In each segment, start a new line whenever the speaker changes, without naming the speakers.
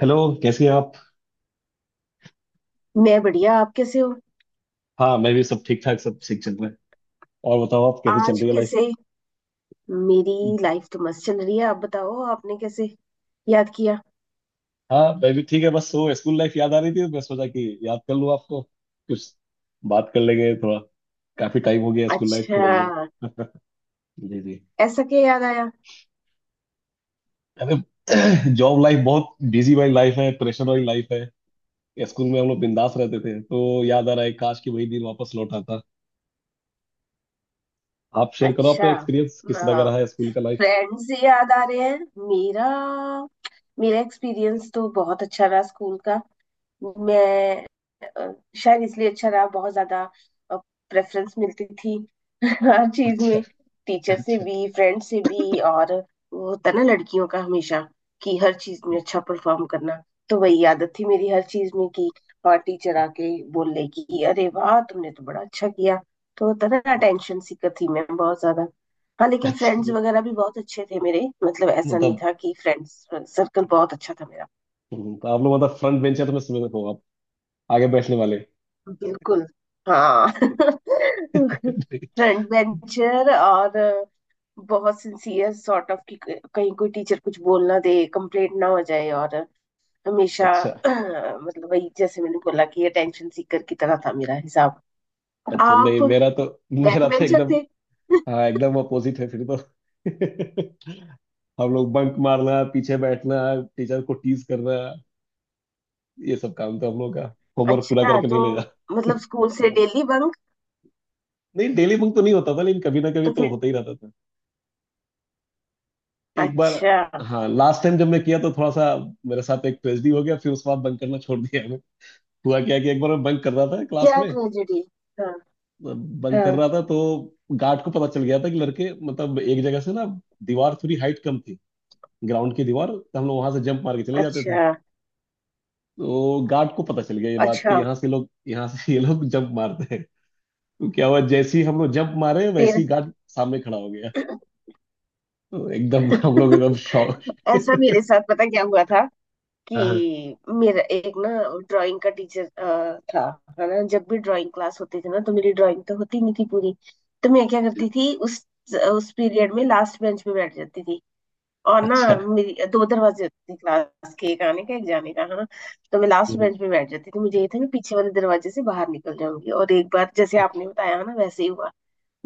Hello. कैसी हैं आप?
मैं बढ़िया। आप कैसे हो?
हाँ, मैं भी सब ठीक ठाक, सब ठीक चल रहा है। और बताओ, आप कैसी चल
आज
रही है लाइफ?
कैसे? मेरी लाइफ तो मस्त चल रही है। आप बताओ आपने कैसे याद किया?
हाँ, मैं भी ठीक है। बस वो स्कूल लाइफ याद आ रही थी, तो मैं सोचा कि याद कर लूँ आपको, कुछ बात कर लेंगे थोड़ा। काफी टाइम हो गया स्कूल लाइफ छोड़े हुए।
अच्छा,
जी जी।
ऐसा क्या याद आया?
अरे जॉब लाइफ बहुत बिजी वाली लाइफ है, प्रेशर वाली लाइफ है। स्कूल में हम लोग बिंदास रहते थे, तो याद आ रहा है काश कि वही दिन वापस लौट आता। आप शेयर करो
अच्छा,
अपना एक्सपीरियंस किस तरह का रहा है स्कूल का लाइफ।
फ्रेंड्स से याद आ रहे हैं। मेरा मेरा एक्सपीरियंस तो बहुत अच्छा रहा स्कूल का। मैं शायद इसलिए अच्छा रहा, बहुत ज्यादा प्रेफरेंस मिलती थी हर चीज
अच्छा
में। टीचर से
अच्छा।
भी, फ्रेंड से भी। और वो होता ना लड़कियों का हमेशा, कि हर चीज में अच्छा परफॉर्म करना, तो वही आदत थी मेरी हर चीज में कि और टीचर आके बोल ले कि अरे वाह तुमने तो बड़ा अच्छा किया। तो होता ना, अटेंशन सीकर थी मैं बहुत ज्यादा। हाँ, लेकिन फ्रेंड्स
अच्छा,
वगैरह भी बहुत अच्छे थे मेरे, मतलब ऐसा नहीं
मतलब
था कि फ्रेंड्स सर्कल बहुत अच्छा था मेरा।
तो आप लोग मतलब फ्रंट बेंचर, तो मैं समझ रहा हूँ आप आगे बैठने वाले।
बिल्कुल। हाँ फ्रंट बेंचर, और बहुत सिंसियर सॉर्ट ऑफ कि कहीं कोई टीचर कुछ बोल ना दे, कंप्लेंट ना हो जाए, और हमेशा
अच्छा
मतलब वही जैसे मैंने बोला कि अटेंशन सीकर की तरह था मेरा हिसाब।
अच्छा। नहीं,
आप
मेरा तो
बैक
मेरा तो
बेंचर
एकदम,
थे?
हाँ एकदम अपोजिट है फिर तो। हम लोग बंक मारना, पीछे बैठना, टीचर को टीज करना, ये सब काम तो हम लोग का। होमवर्क पूरा
अच्छा
करके नहीं
तो
ले जाना।
मतलब स्कूल से डेली बंक?
नहीं, डेली बंक तो नहीं होता था, लेकिन कभी ना कभी
तो
तो
फिर?
होता ही रहता था। एक बार,
अच्छा,
हाँ, लास्ट टाइम जब मैं किया, तो थोड़ा सा मेरे साथ एक ट्रेजेडी हो गया, फिर उसके बाद बंक करना छोड़ दिया मैं। हुआ क्या कि एक बार मैं बंक कर रहा था क्लास
क्या
में,
ट्रेजेडी? हाँ।
बंक कर
हाँ।
रहा था तो गार्ड को पता चल गया था कि लड़के मतलब एक जगह से ना, दीवार थोड़ी हाइट कम थी, ग्राउंड की दीवार, तो हम लोग वहां से जंप मार के चले जाते थे।
अच्छा।
तो गार्ड को पता चल गया ये बात
अच्छा।
कि यहाँ से ये लोग जंप मारते हैं। तो क्या हुआ, जैसे ही हम लोग जंप मारे, वैसे
फिर?
ही गार्ड सामने खड़ा हो गया। तो एकदम हम लोग एकदम शॉक।
ऐसा मेरे साथ पता क्या हुआ था
हाँ हाँ।
कि मेरा एक ना ड्राइंग का टीचर था। है ना, जब भी ड्राइंग क्लास होती थी ना तो मेरी ड्राइंग तो होती नहीं थी पूरी। तो मैं क्या करती थी उस पीरियड में लास्ट बेंच पे बैठ जाती थी। और ना,
अच्छा।
मेरी दो दरवाजे होते थे क्लास के, एक आने का एक जाने का, है ना। तो मैं लास्ट
हम्म,
बेंच पे बैठ जाती थी, मुझे ये था मैं पीछे वाले दरवाजे से बाहर निकल जाऊंगी। और एक बार जैसे आपने बताया है ना वैसे ही हुआ,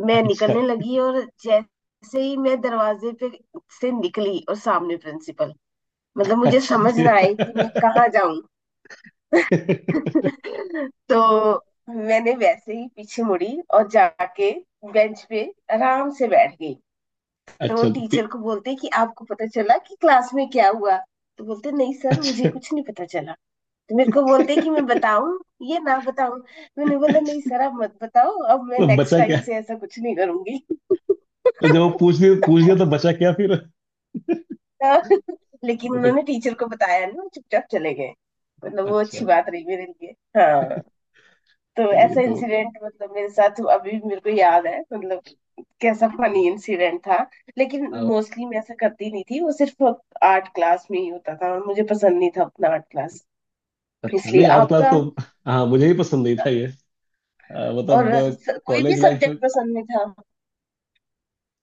मैं
अच्छा
निकलने लगी और जैसे ही मैं दरवाजे पे से निकली, और सामने प्रिंसिपल। मतलब मुझे
अच्छा।
समझ ना आए कि मैं
फिर-
कहाँ जाऊं। तो मैंने वैसे ही पीछे मुड़ी और जाके बेंच पे आराम से बैठ गई। तो वो
अच्छा, फिर-
टीचर को बोलते कि आपको पता चला कि क्लास में क्या हुआ, तो बोलते नहीं सर, मुझे
अच्छा,
कुछ नहीं पता चला। तो मेरे को बोलते कि मैं बताऊं ये ना बताऊं? मैंने बोला नहीं सर आप मत बताओ, अब मैं
तो
नेक्स्ट
बचा
टाइम
क्या?
से ऐसा कुछ नहीं करूंगी।
तो जब वो पूछ लिया पूछ लिया तो बचा क्या फिर?
लेकिन
वो तो-
उन्होंने टीचर को बताया नहीं, वो चुपचाप चले गए। मतलब वो
अच्छा।
अच्छी बात रही मेरे लिए। हाँ। तो
चलिए।
ऐसा
तो
इंसिडेंट मतलब मेरे साथ हुआ, अभी भी मेरे को याद है, मतलब कैसा फनी इंसिडेंट था। लेकिन
आ,
मोस्टली मैं ऐसा करती नहीं थी, वो सिर्फ आर्ट क्लास में ही होता था और मुझे पसंद नहीं था अपना आर्ट क्लास,
अच्छा,
इसलिए
नहीं आर्ट क्लास
आपका।
तो हाँ मुझे ही पसंद नहीं था ये। मतलब
और कोई भी
कॉलेज लाइफ में
सब्जेक्ट पसंद नहीं था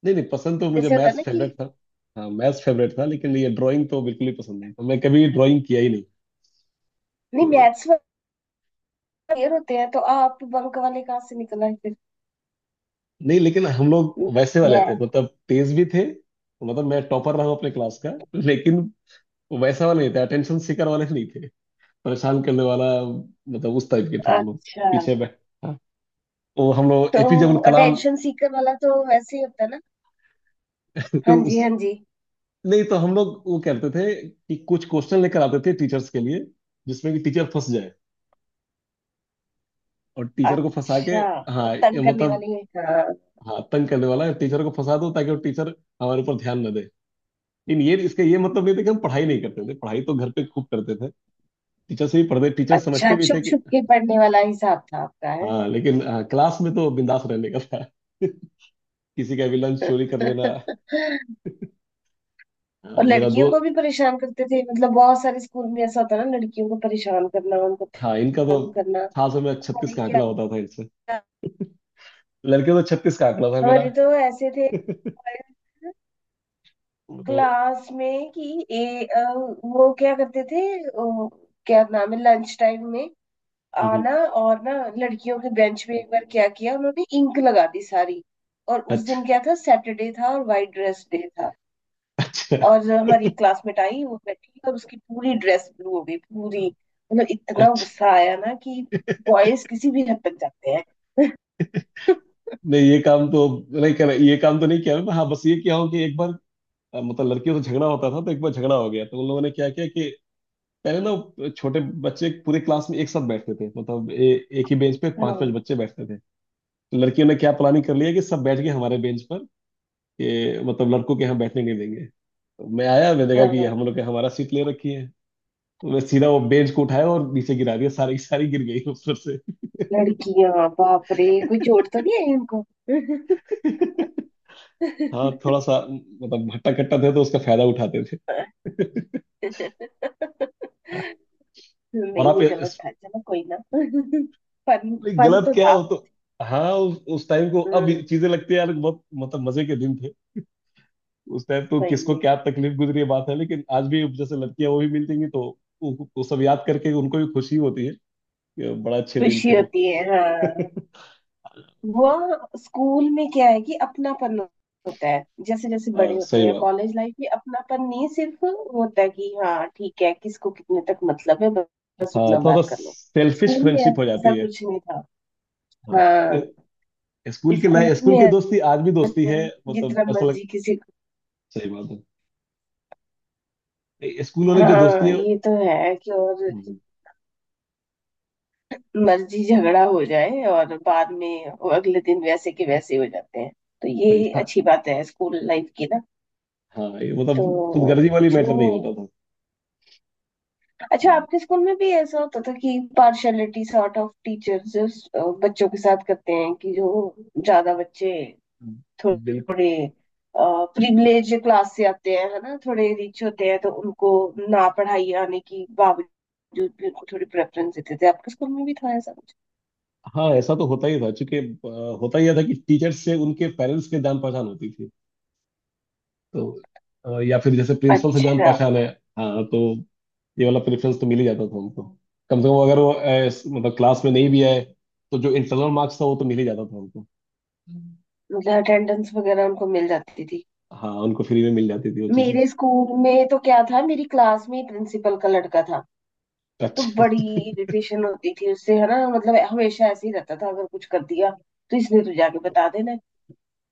नहीं, नहीं पसंद, तो मुझे
जैसे होता है
मैथ्स
ना
फेवरेट
कि?
था। हाँ मैथ्स फेवरेट था, लेकिन ये ड्राइंग तो बिल्कुल ही पसंद नहीं था, मैं कभी ड्राइंग किया ही नहीं।
नहीं,
तो
मैथ्स क्लियर होते हैं तो आप बंक वाले कहाँ से निकला है फिर?
नहीं, लेकिन हम लोग वैसे वाले थे,
मैथ।
मतलब तेज भी थे। मतलब मैं टॉपर रहा हूँ अपने क्लास का, लेकिन वैसा वाले नहीं थे, अटेंशन सीकर वाले नहीं थे। परेशान करने वाला, मतलब उस टाइप के थे हम लोग।
अच्छा
पीछे बैठ, हाँ, वो हम लोग एपीजे
तो
अब्दुल कलाम।
अटेंशन सीकर वाला तो वैसे ही होता है ना। हाँ जी, हाँ
उस-
जी।
नहीं, तो हम लोग वो करते थे कि कुछ क्वेश्चन लेकर आते थे टीचर्स के लिए, जिसमें कि टीचर फंस जाए। और टीचर को फंसा के,
अच्छा तो
हाँ ये
तंग करने
मतलब,
वाले हैं।
हाँ तंग करने वाला है, टीचर को फंसा दो ताकि वो टीचर हमारे ऊपर ध्यान न दे। लेकिन ये इसका ये मतलब नहीं था कि हम पढ़ाई नहीं करते थे, पढ़ाई तो घर पे खूब करते थे। टीचर से भी पढ़ते, टीचर
अच्छा,
समझते भी थे
छुप छुप
कि
के पढ़ने वाला हिसाब था आपका, है।
हाँ। लेकिन हाँ, क्लास में तो बिंदास रहने का था। किसी का भी लंच चोरी कर लेना। हाँ,
और
मेरा
लड़कियों
दो।
को भी परेशान करते थे? मतलब बहुत सारे स्कूल में ऐसा होता है ना, लड़कियों को परेशान करना, उनको
हाँ, इनका तो
तंग करना।
खास में छत्तीस
हमारे
का आंकड़ा
क्या,
होता था इनसे। लड़के तो छत्तीस का आंकड़ा था मेरा।
हमारे तो ऐसे थे
तो
क्लास में कि वो क्या करते थे क्या नाम है, लंच टाइम में
हम्म।
आना। और ना लड़कियों के बेंच पे एक बार क्या किया उन्होंने, इंक लगा दी सारी। और उस
अच्छा
दिन क्या था, सैटरडे था और वाइट ड्रेस डे था।
अच्छा।
और हमारी क्लासमेट आई, वो बैठी और उसकी पूरी ड्रेस ब्लू हो गई पूरी। मतलब इतना
अच्छा,
गुस्सा आया ना कि बॉयज किसी भी हद तक जाते हैं।
नहीं ये काम तो नहीं कर, ये काम तो नहीं किया मैं। हाँ, बस ये किया हूँ कि एक बार मतलब लड़कियों से झगड़ा होता था, तो एक बार झगड़ा हो गया, तो उन लोगों ने क्या किया कि पहले ना छोटे बच्चे पूरे क्लास में एक साथ बैठते थे, मतलब एक ही बेंच पे पांच पांच
हाँ,
बच्चे बैठते थे। तो लड़कियों ने क्या प्लानिंग कर लिया कि सब बैठ गए हमारे बेंच पर, कि मतलब लड़कों के यहाँ बैठने नहीं देंगे। तो मैं आया, मैंने देखा
हाँ।
कि हम लोग के हमारा सीट ले रखी है। तो मैं सीधा वो बेंच को उठाया और नीचे गिरा दिया, सारी सारी गिर गई ऊपर से।
लड़कियां, बाप रे, कोई चोट तो नहीं आई उनको?
हाँ, थोड़ा सा मतलब भट्टा कट्टा थे, तो उसका फायदा उठाते थे। और
नहीं
आप
ये गलत
इस-
था, चलो कोई ना। फन
नहीं,
फन
गलत
तो
क्या
था।
हो तो? हाँ, उस टाइम को, अब
हम्म।
ये चीजें लगती है यार, बहुत मतलब मजे के दिन थे। उस टाइम तो
सही
किसको
में।
क्या तकलीफ गुजरी है बात है, लेकिन आज भी जैसे लड़कियां वो भी मिल जाएंगी तो वो सब याद करके उनको भी खुशी होती है कि बड़ा अच्छे दिन
खुशी
थे वो।
होती है, हाँ। वह, स्कूल में क्या है कि अपनापन होता है, जैसे जैसे बड़े
हाँ,
होते
सही
हैं
बात
कॉलेज लाइफ में अपनापन नहीं, सिर्फ होता है कि हाँ ठीक है, किसको कितने तक मतलब है
है।
बस
हाँ,
उतना
थोड़ा
बात
सा
कर लो।
सेल्फिश
स्कूल में
फ्रेंडशिप हो
ऐसा
जाती है।
कुछ नहीं था।
हाँ।
हाँ।
ए-
तो
स्कूल के लाइफ,
स्कूल में
स्कूल की दोस्ती आज भी दोस्ती
ऐसा
है।
है,
मतलब
जितना
ऐसा लग-
मर्जी किसी को।
सही बात है। ए- स्कूल वाली जो दोस्ती
हाँ
है,
ये तो है, कि और
हम्म,
मर्जी झगड़ा हो जाए और बाद में वो अगले दिन वैसे के वैसे हो जाते हैं, तो
सही
ये
बात।
अच्छी बात है स्कूल लाइफ की ना।
हाँ, ये मतलब
तो
खुदगर्जी वाली मैटर
जो
नहीं होता
अच्छा,
था।
आपके स्कूल में भी ऐसा होता था कि पार्शलिटी सॉर्ट ऑफ टीचर्स बच्चों के साथ करते हैं कि जो ज्यादा बच्चे
बिल्कुल।
थोड़े प्रिविलेज क्लास से आते हैं है ना, थोड़े रिच होते हैं, तो उनको ना पढ़ाई आने की बावजूद भी उनको थोड़ी प्रेफरेंस देते थे? आपके स्कूल में भी था ऐसा कुछ?
हाँ, ऐसा तो होता ही था क्योंकि होता ही था कि टीचर्स से उनके पेरेंट्स के जान पहचान होती थी, तो या फिर जैसे प्रिंसिपल से जान
अच्छा,
पहचान है, हाँ, तो ये वाला प्रेफरेंस तो मिल ही जाता था हमको। कम से कम अगर वो इस- मतलब क्लास में नहीं भी आए, तो जो इंटरनल मार्क्स था वो तो मिल ही जाता था हमको।
मतलब अटेंडेंस वगैरह उनको मिल जाती थी।
हाँ, उनको फ्री में मिल जाती थी वो चीजें।
मेरे स्कूल में तो क्या था, मेरी क्लास में प्रिंसिपल का लड़का था। तो
अच्छा।
बड़ी इरिटेशन होती थी उससे, है ना। मतलब हमेशा ऐसे ही रहता था, अगर कुछ कर दिया तो इसने तो जाके बता देना,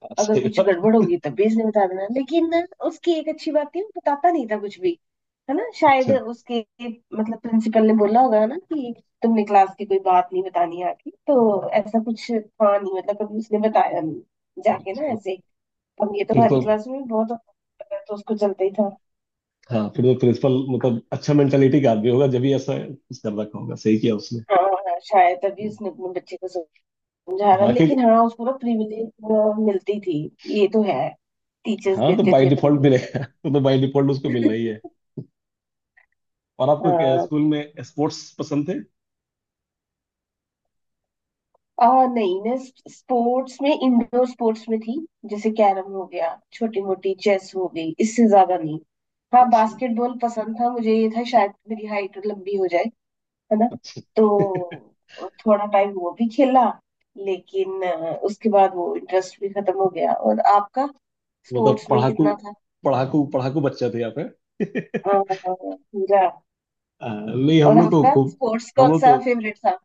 अगर
सही
कुछ
बात।
गड़बड़ होगी तब भी इसने बता देना। लेकिन ना, उसकी एक अच्छी बात थी, वो बताता नहीं था कुछ भी, है ना। शायद
अच्छा
उसके मतलब प्रिंसिपल ने बोला होगा ना कि तुमने क्लास की कोई बात नहीं बतानी आके, तो ऐसा कुछ था नहीं, मतलब कभी उसने बताया नहीं जाके ना
अच्छा।
ऐसे। अब ये तो
फिर तो,
हमारी क्लास में बहुत होता है, तो उसको चलता ही था।
हाँ फिर तो प्रिंसिपल मतलब अच्छा मेंटेलिटी का आदमी होगा, जब भी ऐसा कुछ कर रखा होगा, सही किया उसने।
हाँ। हाँ, शायद तभी उसने अपने बच्चे को समझा रहा,
हाँ कि
लेकिन हाँ उसको ना प्रिविलेज मिलती थी। ये तो है, टीचर्स
हाँ, तो
देते
बाय
थे
डिफॉल्ट
प्रिविलेज।
मिलेगा, वो तो बाय डिफॉल्ट उसको मिलना ही है। और आपको क्या
हाँ।
स्कूल में स्पोर्ट्स पसंद थे?
और नहीं, मैं स्पोर्ट्स में, इंडोर स्पोर्ट्स में थी। जैसे कैरम हो गया, छोटी मोटी चेस हो गई, इससे ज्यादा नहीं। हाँ,
अच्छा
बास्केटबॉल पसंद था मुझे, ये था शायद मेरी हाइट लंबी हो जाए, है ना।
अच्छा।
तो थोड़ा टाइम वो भी खेला, लेकिन उसके बाद वो इंटरेस्ट भी खत्म हो गया। और आपका
मतलब
स्पोर्ट्स में
पढ़ाकू
कितना था?
पढ़ाकू पढ़ाकू बच्चा थे आप हैं?
हाँ पूरा।
नहीं, हम
और
लोग तो
आपका
खूब,
स्पोर्ट्स
हम
कौन
लोग तो
सा फेवरेट था?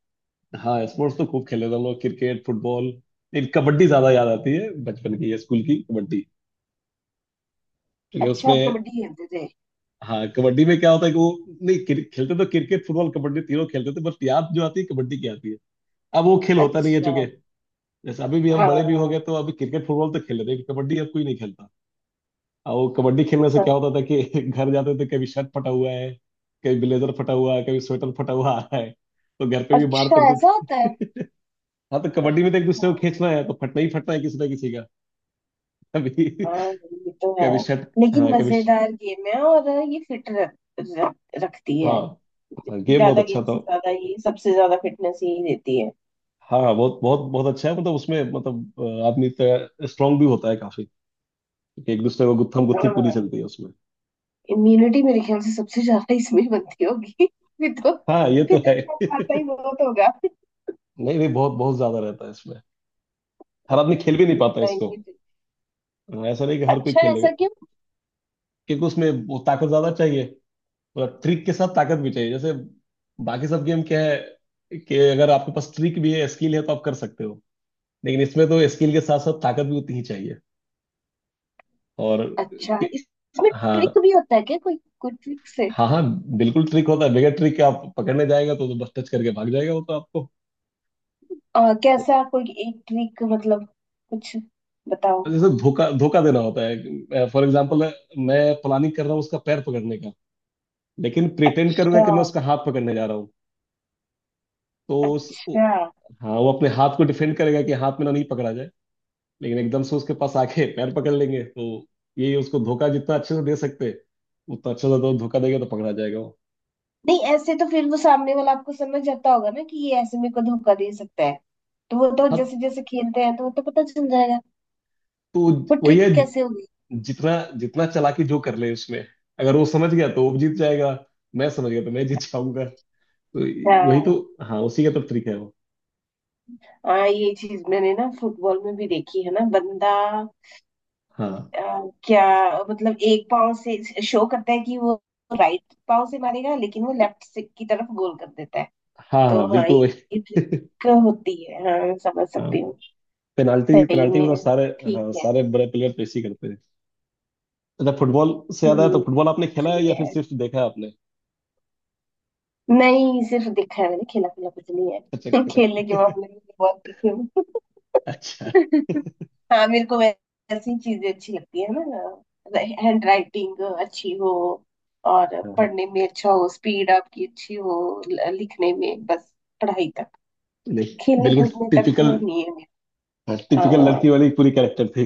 हाँ स्पोर्ट्स तो खूब खेले थे हम लोग, क्रिकेट फुटबॉल। लेकिन कबड्डी ज्यादा याद आती है, बचपन की या स्कूल की कबड्डी, क्योंकि
अच्छा, आप
उसमें
कबड्डी खेलते थे?
हाँ कबड्डी में क्या होता है कि वो नहीं, क्रि- खेलते तो क्रिकेट फुटबॉल कबड्डी तीनों खेलते थे, बस याद जो आती है कबड्डी की आती है। अब वो खेल होता नहीं है,
अच्छा।
चूंकि जैसे अभी भी हम बड़े भी हो
हाँ।
गए तो अभी क्रिकेट फुटबॉल तो खेल रहे हैं, कबड्डी अब कोई नहीं खेलता। और वो कबड्डी खेलने से क्या
हाँ।
होता था कि घर जाते थे, कभी शर्ट फटा हुआ है, कभी ब्लेजर फटा हुआ है, कभी स्वेटर फटा हुआ आ रहा है, तो घर पे भी मार
अच्छा,
पड़ती
ऐसा होता है?
थी। हाँ, तो कबड्डी में तो एक
अच्छा।
दूसरे को खींचना है, तो फटना ही फटना है किसी ना किसी का। कभी,
हाँ ये तो है,
कभी शर्ट,
लेकिन
हाँ कभी श-,
मजेदार गेम है और ये फिट रख, रख, रखती है।
हाँ हाँ गेम बहुत
ज्यादा
अच्छा
गेम
था।
से ज्यादा ये, सबसे ज्यादा फिटनेस यही देती है।
हाँ हाँ, बहुत बहुत बहुत अच्छा है, मतलब उसमें मतलब आदमी तो स्ट्रांग भी होता है काफी, क्योंकि एक दूसरे को गुत्थम गुत्थी पूरी
हाँ,
चलती है उसमें।
इम्यूनिटी मेरे ख्याल से सबसे ज्यादा इसमें बनती होगी। फिर तो।
हाँ, ये तो
फिर तो
है।
इतना खाता ही बहुत होगा।
नहीं नहीं, बहुत बहुत ज्यादा रहता है इसमें, हर आदमी खेल भी नहीं
नहीं,
पाता इसको।
नहीं, नहीं।
हाँ, ऐसा नहीं कि हर कोई
अच्छा,
खेल लेगा,
ऐसा क्यों?
क्योंकि उसमें वो ताकत ज्यादा चाहिए, मतलब ट्रिक के साथ ताकत भी चाहिए। जैसे बाकी सब गेम क्या है कि अगर आपके पास ट्रिक भी है, स्किल है, तो आप कर सकते हो, लेकिन इसमें तो स्किल के साथ साथ ताकत भी उतनी ही चाहिए। और
अच्छा
कि-,
इसमें
हाँ
ट्रिक भी होता है क्या, कोई कोई ट्रिक से?
हाँ हाँ, बिल्कुल ट्रिक होता है, बगैर ट्रिक के आप पकड़ने जाएगा तो बस टच करके भाग जाएगा वो तो आपको।
कैसा कोई एक ट्रिक, मतलब कुछ बताओ।
तो जैसे धोखा धोखा देना होता है, फॉर एग्जाम्पल, मैं प्लानिंग कर रहा हूँ उसका पैर पकड़ने का, लेकिन प्रिटेंड करूंगा
अच्छा।
कि मैं उसका हाथ पकड़ने जा रहा हूँ। तो उस उ-,
अच्छा।
हाँ वो अपने हाथ को डिफेंड करेगा कि हाथ में ना नहीं पकड़ा जाए, लेकिन एकदम से उसके पास आके पैर पकड़ लेंगे, तो ये उसको धोखा जितना अच्छे से दे सकते, उतना अच्छे से तो धोखा देगा तो पकड़ा जाएगा वो।
नहीं ऐसे तो फिर वो सामने वाला आपको समझ जाता होगा ना कि ये ऐसे मेरे को धोखा दे सकता है, तो वो तो
हाँ,
जैसे जैसे खेलते हैं तो वो तो पता चल जाएगा।
तो
वो
वही
ट्रिक
है,
कैसे होगी?
जितना जितना चालाकी जो कर ले उसमें, अगर वो समझ गया तो वो जीत जाएगा, मैं समझ गया तो मैं जीत जाऊंगा, तो वही तो,
हाँ।
हाँ उसी का तो ट्रिक है वो।
हाँ, ये चीज मैंने ना फुटबॉल में भी देखी है ना, बंदा
हाँ
अ, क्या, मतलब एक पाव से शो करता है कि वो राइट पाव से मारेगा लेकिन वो लेफ्ट से की तरफ गोल कर देता है।
हाँ
तो
हाँ,
हाँ,
बिल्कुल
ये
वही।
ट्रिक होती है, हाँ समझ
हाँ,
सकती हूँ।
पेनाल्टी
सही
पेनाल्टी में तो
में।
सारे, हाँ
ठीक है।
सारे बड़े प्लेयर तो इसी करते हैं। अच्छा, फुटबॉल से याद आया, तो
हम्म।
फुटबॉल आपने खेला
सही
है या फिर
है।
सिर्फ देखा है आपने?
नहीं सिर्फ देखा है, मैंने खेला खेला कुछ नहीं
अच्छा,
है।
खेला है।
खेलने के मामले में तो बहुत पीछे हूँ।
अच्छा।
हाँ, मेरे को वैसी चीजें अच्छी लगती है ना, हैंड राइटिंग अच्छी हो और
हाँ,
पढ़ने में अच्छा हो, स्पीड आपकी अच्छी हो लिखने में, बस पढ़ाई तक।
नहीं
खेलने
बिल्कुल,
कूदने तक
टिपिकल,
नहीं है
हाँ,
मेरा।
टिपिकल लड़की
अ,
वाली पूरी कैरेक्टर थी।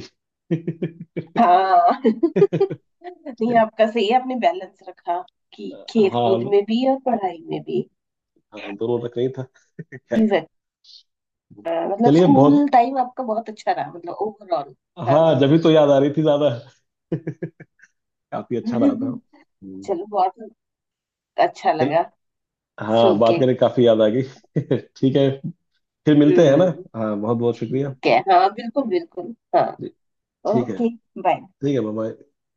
हाँ। नहीं
चलिए।
आपका सही है, आपने बैलेंस रखा कि खेल कूद
हाँ
में भी और पढ़ाई में भी।
हाँ, दोनों रख नहीं था। क्या
चीज।
कर-,
हाँ, मतलब
चलिए बहुत,
स्कूल टाइम आपका बहुत अच्छा रहा मतलब ओवरऑल।
हाँ
हाँ।
जब भी तो याद आ रही थी ज्यादा, काफी अच्छा रहा था।
चलो बहुत अच्छा
चल,
लगा
हाँ
सुन
बात
के।
करके काफी याद आ गई। ठीक है, फिर मिलते हैं
हम्म।
ना। हाँ, बहुत बहुत शुक्रिया।
ठीक है हाँ, बिल्कुल बिल्कुल, हाँ।
जी, ठीक है।
ओके। बाय।
ठीक है, बाय।